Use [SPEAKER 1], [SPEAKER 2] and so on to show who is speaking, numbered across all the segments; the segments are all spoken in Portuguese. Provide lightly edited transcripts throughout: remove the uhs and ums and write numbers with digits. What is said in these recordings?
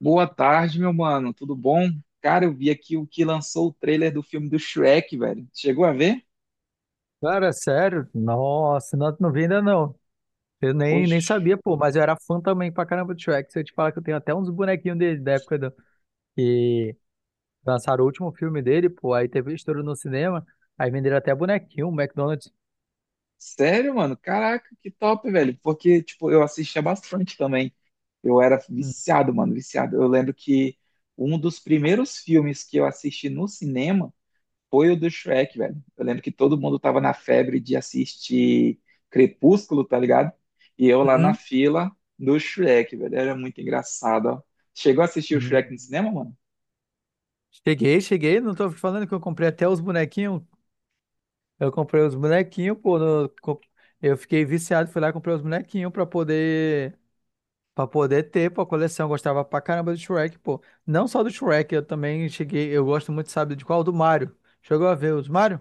[SPEAKER 1] Boa tarde, meu mano. Tudo bom? Cara, eu vi aqui o que lançou o trailer do filme do Shrek, velho. Chegou a ver?
[SPEAKER 2] Cara, sério? Nossa, não, não vi ainda não. Eu nem
[SPEAKER 1] Poxa,
[SPEAKER 2] sabia, pô, mas eu era fã também pra caramba do Shrek. Se eu te falar que eu tenho até uns bonequinhos dele da época que lançaram o último filme dele, pô, aí teve um estouro no cinema, aí venderam até bonequinho, um McDonald's.
[SPEAKER 1] sério, mano? Caraca, que top, velho. Porque, tipo, eu assistia bastante também. Eu era
[SPEAKER 2] Hum,
[SPEAKER 1] viciado, mano, viciado. Eu lembro que um dos primeiros filmes que eu assisti no cinema foi o do Shrek, velho. Eu lembro que todo mundo tava na febre de assistir Crepúsculo, tá ligado? E eu lá na
[SPEAKER 2] hum,
[SPEAKER 1] fila do Shrek, velho. Era muito engraçado, ó. Chegou a assistir o
[SPEAKER 2] hum.
[SPEAKER 1] Shrek no cinema, mano?
[SPEAKER 2] Cheguei, cheguei, não tô falando que eu comprei até os bonequinhos. Eu comprei os bonequinhos, pô, eu fiquei viciado, fui lá e comprei os bonequinhos pra poder. Pra poder ter, pô, a coleção. Eu gostava pra caramba do Shrek, pô. Não só do Shrek, eu também cheguei. Eu gosto muito, sabe, de qual? Do Mario. Chegou a ver os Mario?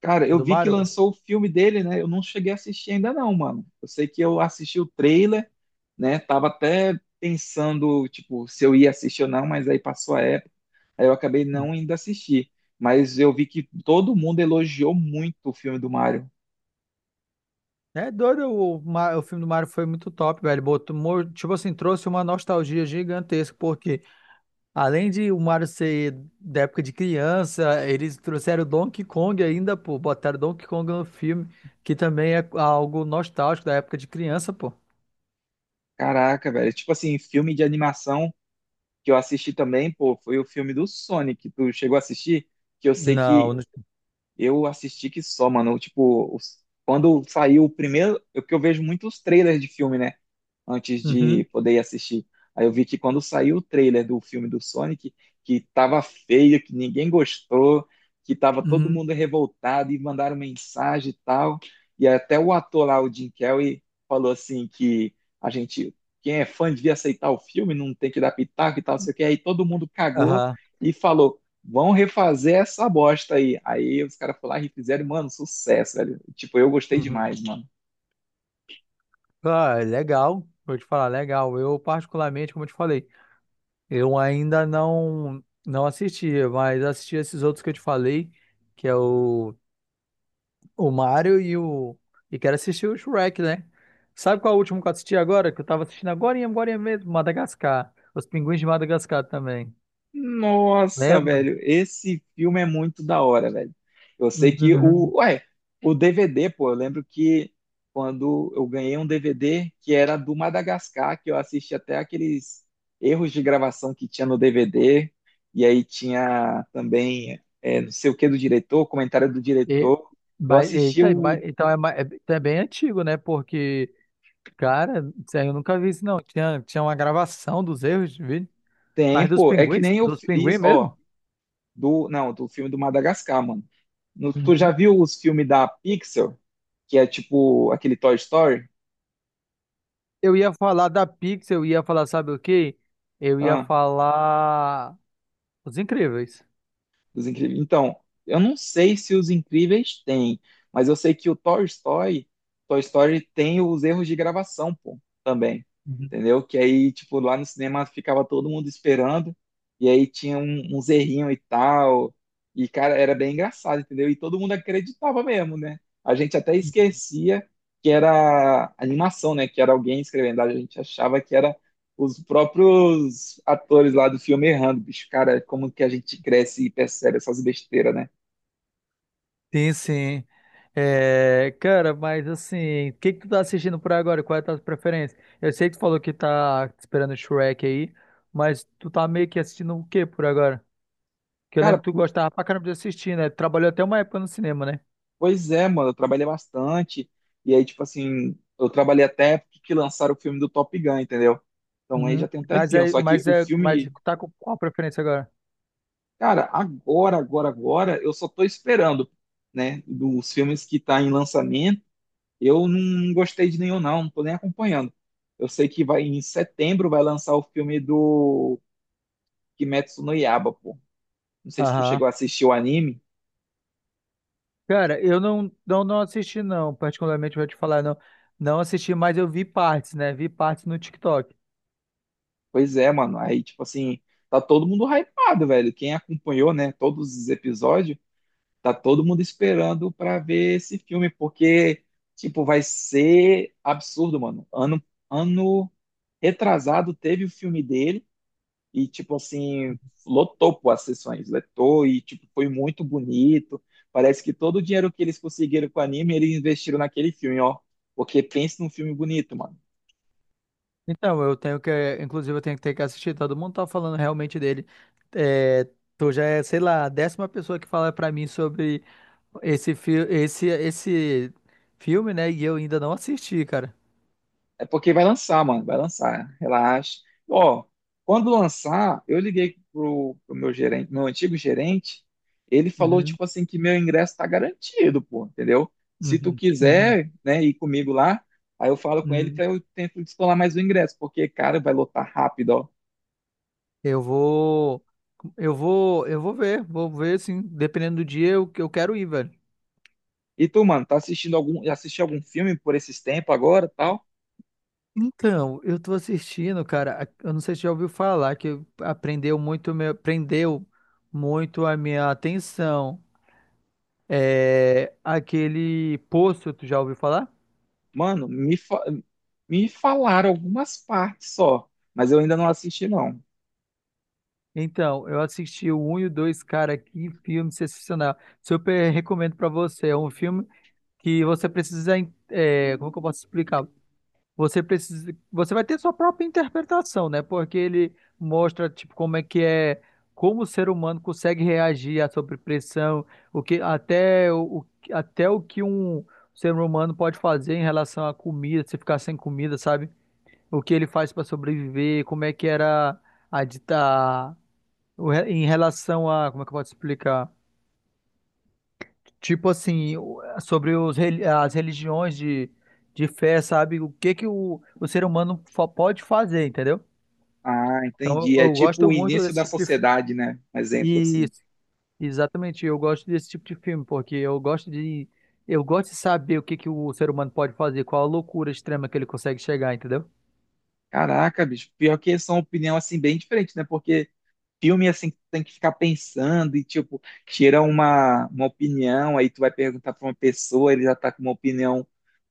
[SPEAKER 1] Cara,
[SPEAKER 2] O
[SPEAKER 1] eu
[SPEAKER 2] do
[SPEAKER 1] vi que
[SPEAKER 2] Mario?
[SPEAKER 1] lançou o filme dele, né? Eu não cheguei a assistir ainda não, mano. Eu sei que eu assisti o trailer, né? Tava até pensando, tipo, se eu ia assistir ou não, mas aí passou a época, aí eu acabei
[SPEAKER 2] Uhum.
[SPEAKER 1] não indo assistir. Mas eu vi que todo mundo elogiou muito o filme do Mario.
[SPEAKER 2] É doido, o filme do Mario foi muito top, velho. Botou, tipo assim, trouxe uma nostalgia gigantesca, porque além de o Mario ser da época de criança, eles trouxeram o Donkey Kong ainda, pô. Botaram Donkey Kong no filme, que também é algo nostálgico da época de criança, pô.
[SPEAKER 1] Caraca, velho. Tipo assim, filme de animação que eu assisti também, pô, foi o filme do Sonic. Tu chegou a assistir? Que eu sei
[SPEAKER 2] Não,
[SPEAKER 1] que eu assisti que só, mano. Tipo, quando saiu o primeiro, é que eu vejo muitos trailers de filme, né? Antes de
[SPEAKER 2] uhum,
[SPEAKER 1] poder ir assistir. Aí eu vi que quando saiu o trailer do filme do Sonic, que tava feio, que ninguém gostou, que tava todo
[SPEAKER 2] uhum,
[SPEAKER 1] mundo revoltado e mandaram mensagem e tal. E até o ator lá, o Jim Carrey, falou assim que a gente, quem é fã devia aceitar o filme, não tem que dar pitaco e tal, não sei o quê. Aí todo mundo cagou
[SPEAKER 2] aham.
[SPEAKER 1] e falou, vão refazer essa bosta aí. Aí os caras falaram, lá e fizeram, mano, sucesso, velho. Tipo, eu gostei
[SPEAKER 2] Uhum.
[SPEAKER 1] demais, mano.
[SPEAKER 2] Ah, é legal, vou te falar, legal. Eu, particularmente, como eu te falei, eu ainda não assisti, mas assisti esses outros que eu te falei, que é o Mario e o. E quero assistir o Shrek, né? Sabe qual é o último que eu assisti agora? Que eu tava assistindo agora e agora mesmo, Madagascar. Os Pinguins de Madagascar também.
[SPEAKER 1] Nossa,
[SPEAKER 2] Lembra?
[SPEAKER 1] velho, esse filme é muito da hora, velho. Eu sei que
[SPEAKER 2] Uhum.
[SPEAKER 1] o, ué, o DVD, pô, eu lembro que quando eu ganhei um DVD que era do Madagascar, que eu assisti até aqueles erros de gravação que tinha no DVD, e aí tinha também é, não sei o que do diretor, comentário do
[SPEAKER 2] E,
[SPEAKER 1] diretor. Eu
[SPEAKER 2] mas,
[SPEAKER 1] assisti
[SPEAKER 2] eita,
[SPEAKER 1] o
[SPEAKER 2] então é bem antigo, né? Porque, cara, isso aí eu nunca vi isso, não. Tinha uma gravação dos erros, viu? Mas dos
[SPEAKER 1] tempo, é que
[SPEAKER 2] pinguins?
[SPEAKER 1] nem eu
[SPEAKER 2] Dos
[SPEAKER 1] fiz,
[SPEAKER 2] pinguins mesmo?
[SPEAKER 1] ó, do, não, do filme do Madagascar, mano. Tu já
[SPEAKER 2] Uhum.
[SPEAKER 1] viu os filmes da Pixar, que é tipo aquele Toy Story?
[SPEAKER 2] Eu ia falar, sabe o quê? Eu ia
[SPEAKER 1] Ah,
[SPEAKER 2] falar Os Incríveis.
[SPEAKER 1] Os Incríveis. Então, eu não sei se os Incríveis têm, mas eu sei que o Toy Story, Toy Story tem os erros de gravação, pô, também.
[SPEAKER 2] Uhum.
[SPEAKER 1] Entendeu? Que aí, tipo, lá no cinema ficava todo mundo esperando, e aí tinha um, uns errinhos e tal. E, cara, era bem engraçado, entendeu? E todo mundo acreditava mesmo, né? A gente até esquecia que era animação, né? Que era alguém escrevendo, a gente achava que era os próprios atores lá do filme errando, bicho. Cara, como que a gente cresce e percebe essas besteiras, né?
[SPEAKER 2] Sim, sim. É, cara, mas assim, o que que tu tá assistindo por agora? Qual é a tua preferência? Eu sei que tu falou que tá esperando o Shrek aí, mas tu tá meio que assistindo o quê por agora? Que eu
[SPEAKER 1] Cara,
[SPEAKER 2] lembro que tu gostava pra caramba de assistir, né? Trabalhou até uma época no cinema, né?
[SPEAKER 1] pois é, mano, eu trabalhei bastante. E aí, tipo assim, eu trabalhei até a época que lançaram o filme do Top Gun, entendeu? Então aí
[SPEAKER 2] Uhum.
[SPEAKER 1] já tem um
[SPEAKER 2] Mas
[SPEAKER 1] tempinho.
[SPEAKER 2] é,
[SPEAKER 1] Só que
[SPEAKER 2] mas
[SPEAKER 1] o
[SPEAKER 2] é, mas
[SPEAKER 1] filme,
[SPEAKER 2] tá com qual preferência agora?
[SPEAKER 1] cara, agora, agora, eu só tô esperando, né? Dos filmes que tá em lançamento, eu não gostei de nenhum, não, não tô nem acompanhando. Eu sei que vai em setembro vai lançar o filme do Kimetsu no Yaiba, pô. Não sei se tu
[SPEAKER 2] Aham.
[SPEAKER 1] chegou a assistir o anime.
[SPEAKER 2] Cara, eu não assisti, não, particularmente vou te falar, não. Não assisti, mas eu vi partes, né? Vi partes no TikTok.
[SPEAKER 1] Pois é, mano. Aí, tipo assim, tá todo mundo hypado, velho. Quem acompanhou, né, todos os episódios, tá todo mundo esperando pra ver esse filme, porque, tipo, vai ser absurdo, mano. Ano, ano retrasado teve o filme dele e, tipo assim, lotou pô, as sessões, lotou e, tipo, foi muito bonito. Parece que todo o dinheiro que eles conseguiram com o anime, eles investiram naquele filme, ó. Porque pensa num filme bonito, mano.
[SPEAKER 2] Então, eu tenho que, inclusive, eu tenho que ter que assistir. Todo mundo tá falando realmente dele. É, tu já é, sei lá, a décima pessoa que fala pra mim sobre esse filme, né? E eu ainda não assisti, cara.
[SPEAKER 1] É porque vai lançar, mano. Vai lançar. Relaxa. Ó, quando lançar, eu liguei pro meu gerente, meu antigo gerente. Ele falou,
[SPEAKER 2] Uhum,
[SPEAKER 1] tipo assim, que meu ingresso tá garantido, pô, entendeu? Se tu
[SPEAKER 2] uhum, uhum,
[SPEAKER 1] quiser, né, ir comigo lá, aí eu falo com ele
[SPEAKER 2] uhum.
[SPEAKER 1] pra eu tento descolar mais o ingresso, porque, cara, vai lotar rápido, ó.
[SPEAKER 2] Eu vou, eu vou, eu vou ver, assim, dependendo do dia, eu quero ir, velho.
[SPEAKER 1] E tu, mano, tá assistindo algum, assistiu algum filme por esses tempos agora, tal?
[SPEAKER 2] Então, eu tô assistindo, cara, eu não sei se já ouviu falar que prendeu muito a minha atenção. É aquele Poço, tu já ouviu falar?
[SPEAKER 1] Mano, me falaram algumas partes só, mas eu ainda não assisti, não.
[SPEAKER 2] Então, eu assisti o 1 e o 2, cara, que filme sensacional. Super recomendo pra você. É um filme que você precisa, é, como que eu posso explicar? Você precisa, você vai ter sua própria interpretação, né? Porque ele mostra tipo como é que é, como o ser humano consegue reagir à sobrepressão, o que até até o que um ser humano pode fazer em relação à comida, se ficar sem comida, sabe? O que ele faz para sobreviver, como é que era a dita em relação a, como é que eu posso explicar? Tipo assim, sobre as religiões de fé, sabe? O que que o ser humano pode fazer, entendeu?
[SPEAKER 1] Ah,
[SPEAKER 2] Então eu,
[SPEAKER 1] entendi. É
[SPEAKER 2] eu
[SPEAKER 1] tipo
[SPEAKER 2] gosto
[SPEAKER 1] o
[SPEAKER 2] muito
[SPEAKER 1] início
[SPEAKER 2] desse
[SPEAKER 1] da
[SPEAKER 2] tipo de filme.
[SPEAKER 1] sociedade, né? Um exemplo assim.
[SPEAKER 2] Isso, exatamente. Eu gosto desse tipo de filme, porque eu gosto de saber o que que o ser humano pode fazer, qual a loucura extrema que ele consegue chegar, entendeu?
[SPEAKER 1] Caraca, bicho, pior que são opinião assim bem diferente, né? Porque filme assim que tu tem que ficar pensando e tipo, tira uma opinião, aí tu vai perguntar pra uma pessoa, ele já tá com uma opinião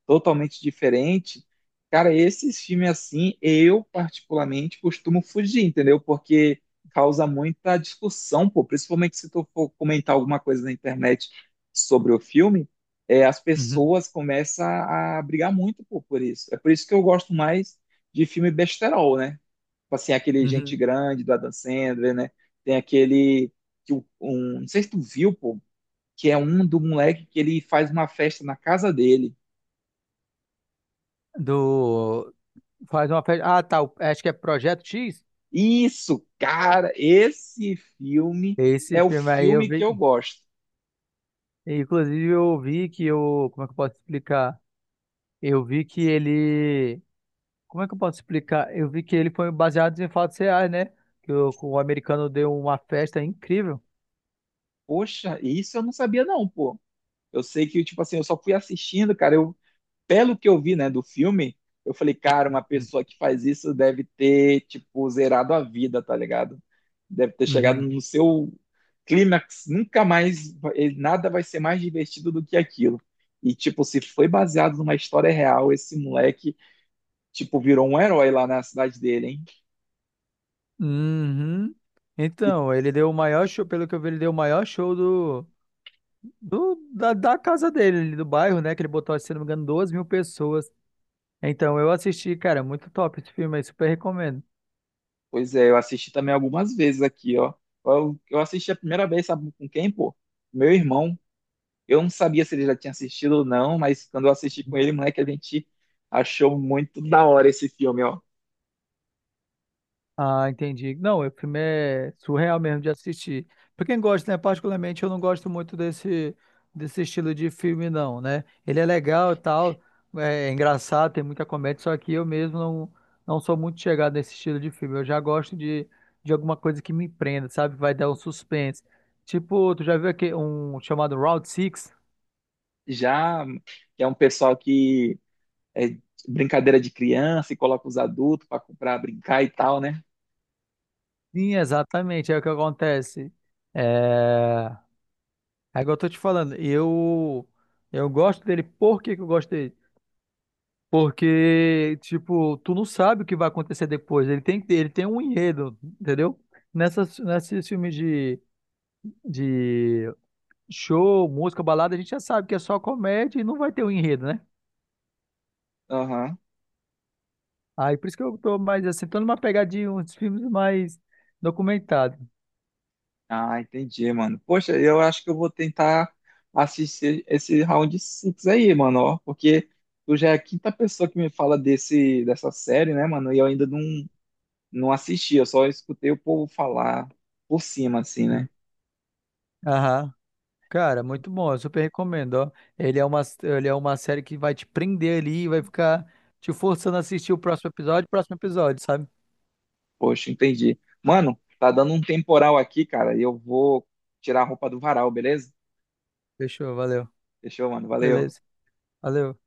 [SPEAKER 1] totalmente diferente. Cara, esses filmes assim, eu particularmente costumo fugir, entendeu? Porque causa muita discussão, pô. Principalmente se tu for comentar alguma coisa na internet sobre o filme, é, as
[SPEAKER 2] Uhum,
[SPEAKER 1] pessoas começam a brigar muito, pô, por isso. É por isso que eu gosto mais de filme besterol, né? Tipo assim, aquele Gente
[SPEAKER 2] uhum.
[SPEAKER 1] Grande do Adam Sandler, né? Tem aquele que não sei se tu viu, pô, que é um do moleque que ele faz uma festa na casa dele.
[SPEAKER 2] Do. Faz uma festa. Ah, tá. Acho que é Projeto X.
[SPEAKER 1] Isso, cara, esse filme
[SPEAKER 2] Esse
[SPEAKER 1] é o
[SPEAKER 2] filme aí eu
[SPEAKER 1] filme que
[SPEAKER 2] vi.
[SPEAKER 1] eu gosto.
[SPEAKER 2] Inclusive, eu vi que o. Como é que eu posso explicar? Eu vi que ele. Como é que eu posso explicar? Eu vi que ele foi baseado em fatos reais, né? Que o americano deu uma festa incrível.
[SPEAKER 1] Poxa, isso eu não sabia não, pô. Eu sei que, tipo assim, eu só fui assistindo, cara, eu, pelo que eu vi, né, do filme, eu falei, cara, uma pessoa que faz isso deve ter, tipo, zerado a vida, tá ligado? Deve ter chegado
[SPEAKER 2] Uhum.
[SPEAKER 1] no seu clímax, nunca mais, nada vai ser mais divertido do que aquilo. E, tipo, se foi baseado numa história real, esse moleque, tipo, virou um herói lá na cidade dele, hein?
[SPEAKER 2] Uhum.
[SPEAKER 1] E
[SPEAKER 2] Então, ele deu o maior show, pelo que eu vi, ele deu o maior show da casa dele, ali do bairro, né? Que ele botou, se não me engano, 2 mil pessoas. Então, eu assisti, cara, muito top esse filme aí, super recomendo.
[SPEAKER 1] pois é, eu assisti também algumas vezes aqui, ó. Eu assisti a primeira vez, sabe com quem, pô? Meu irmão. Eu não sabia se ele já tinha assistido ou não, mas quando eu assisti com ele, moleque, a gente achou muito da hora esse filme, ó.
[SPEAKER 2] Ah, entendi. Não, o filme é surreal mesmo de assistir. Pra quem gosta, né? Particularmente eu não gosto muito desse estilo de filme, não, né? Ele é legal e tal, é engraçado, tem muita comédia, só que eu mesmo não sou muito chegado nesse estilo de filme. Eu já gosto de alguma coisa que me prenda, sabe? Vai dar um suspense. Tipo, tu já viu aqui um chamado Round Six?
[SPEAKER 1] Já que é um pessoal que é brincadeira de criança e coloca os adultos pra brincar e tal, né?
[SPEAKER 2] Sim, exatamente, é o que acontece. É... É igual eu tô te falando, eu gosto dele, por que que eu gosto dele? Porque, tipo, tu não sabe o que vai acontecer depois. Ele tem um enredo, entendeu? Nesses filmes de show, música, balada, a gente já sabe que é só comédia e não vai ter um enredo, né?
[SPEAKER 1] Aham.
[SPEAKER 2] Aí por isso que eu tô mais assim, tô numa pegadinha, uns filmes mais documentados.
[SPEAKER 1] Ah, entendi, mano. Poxa, eu acho que eu vou tentar assistir esse Round Six aí, mano, ó, porque tu já é a quinta pessoa que me fala dessa série, né, mano, e eu ainda não assisti, eu só escutei o povo falar por cima, assim,
[SPEAKER 2] Hum.
[SPEAKER 1] né?
[SPEAKER 2] Aham. Cara, muito bom, eu super recomendo, ó. Ele é uma série que vai te prender ali e vai ficar te forçando a assistir o próximo episódio, sabe?
[SPEAKER 1] Poxa, entendi. Mano, tá dando um temporal aqui, cara, e eu vou tirar a roupa do varal, beleza?
[SPEAKER 2] Fechou, valeu.
[SPEAKER 1] Fechou, mano, valeu.
[SPEAKER 2] Beleza. Valeu.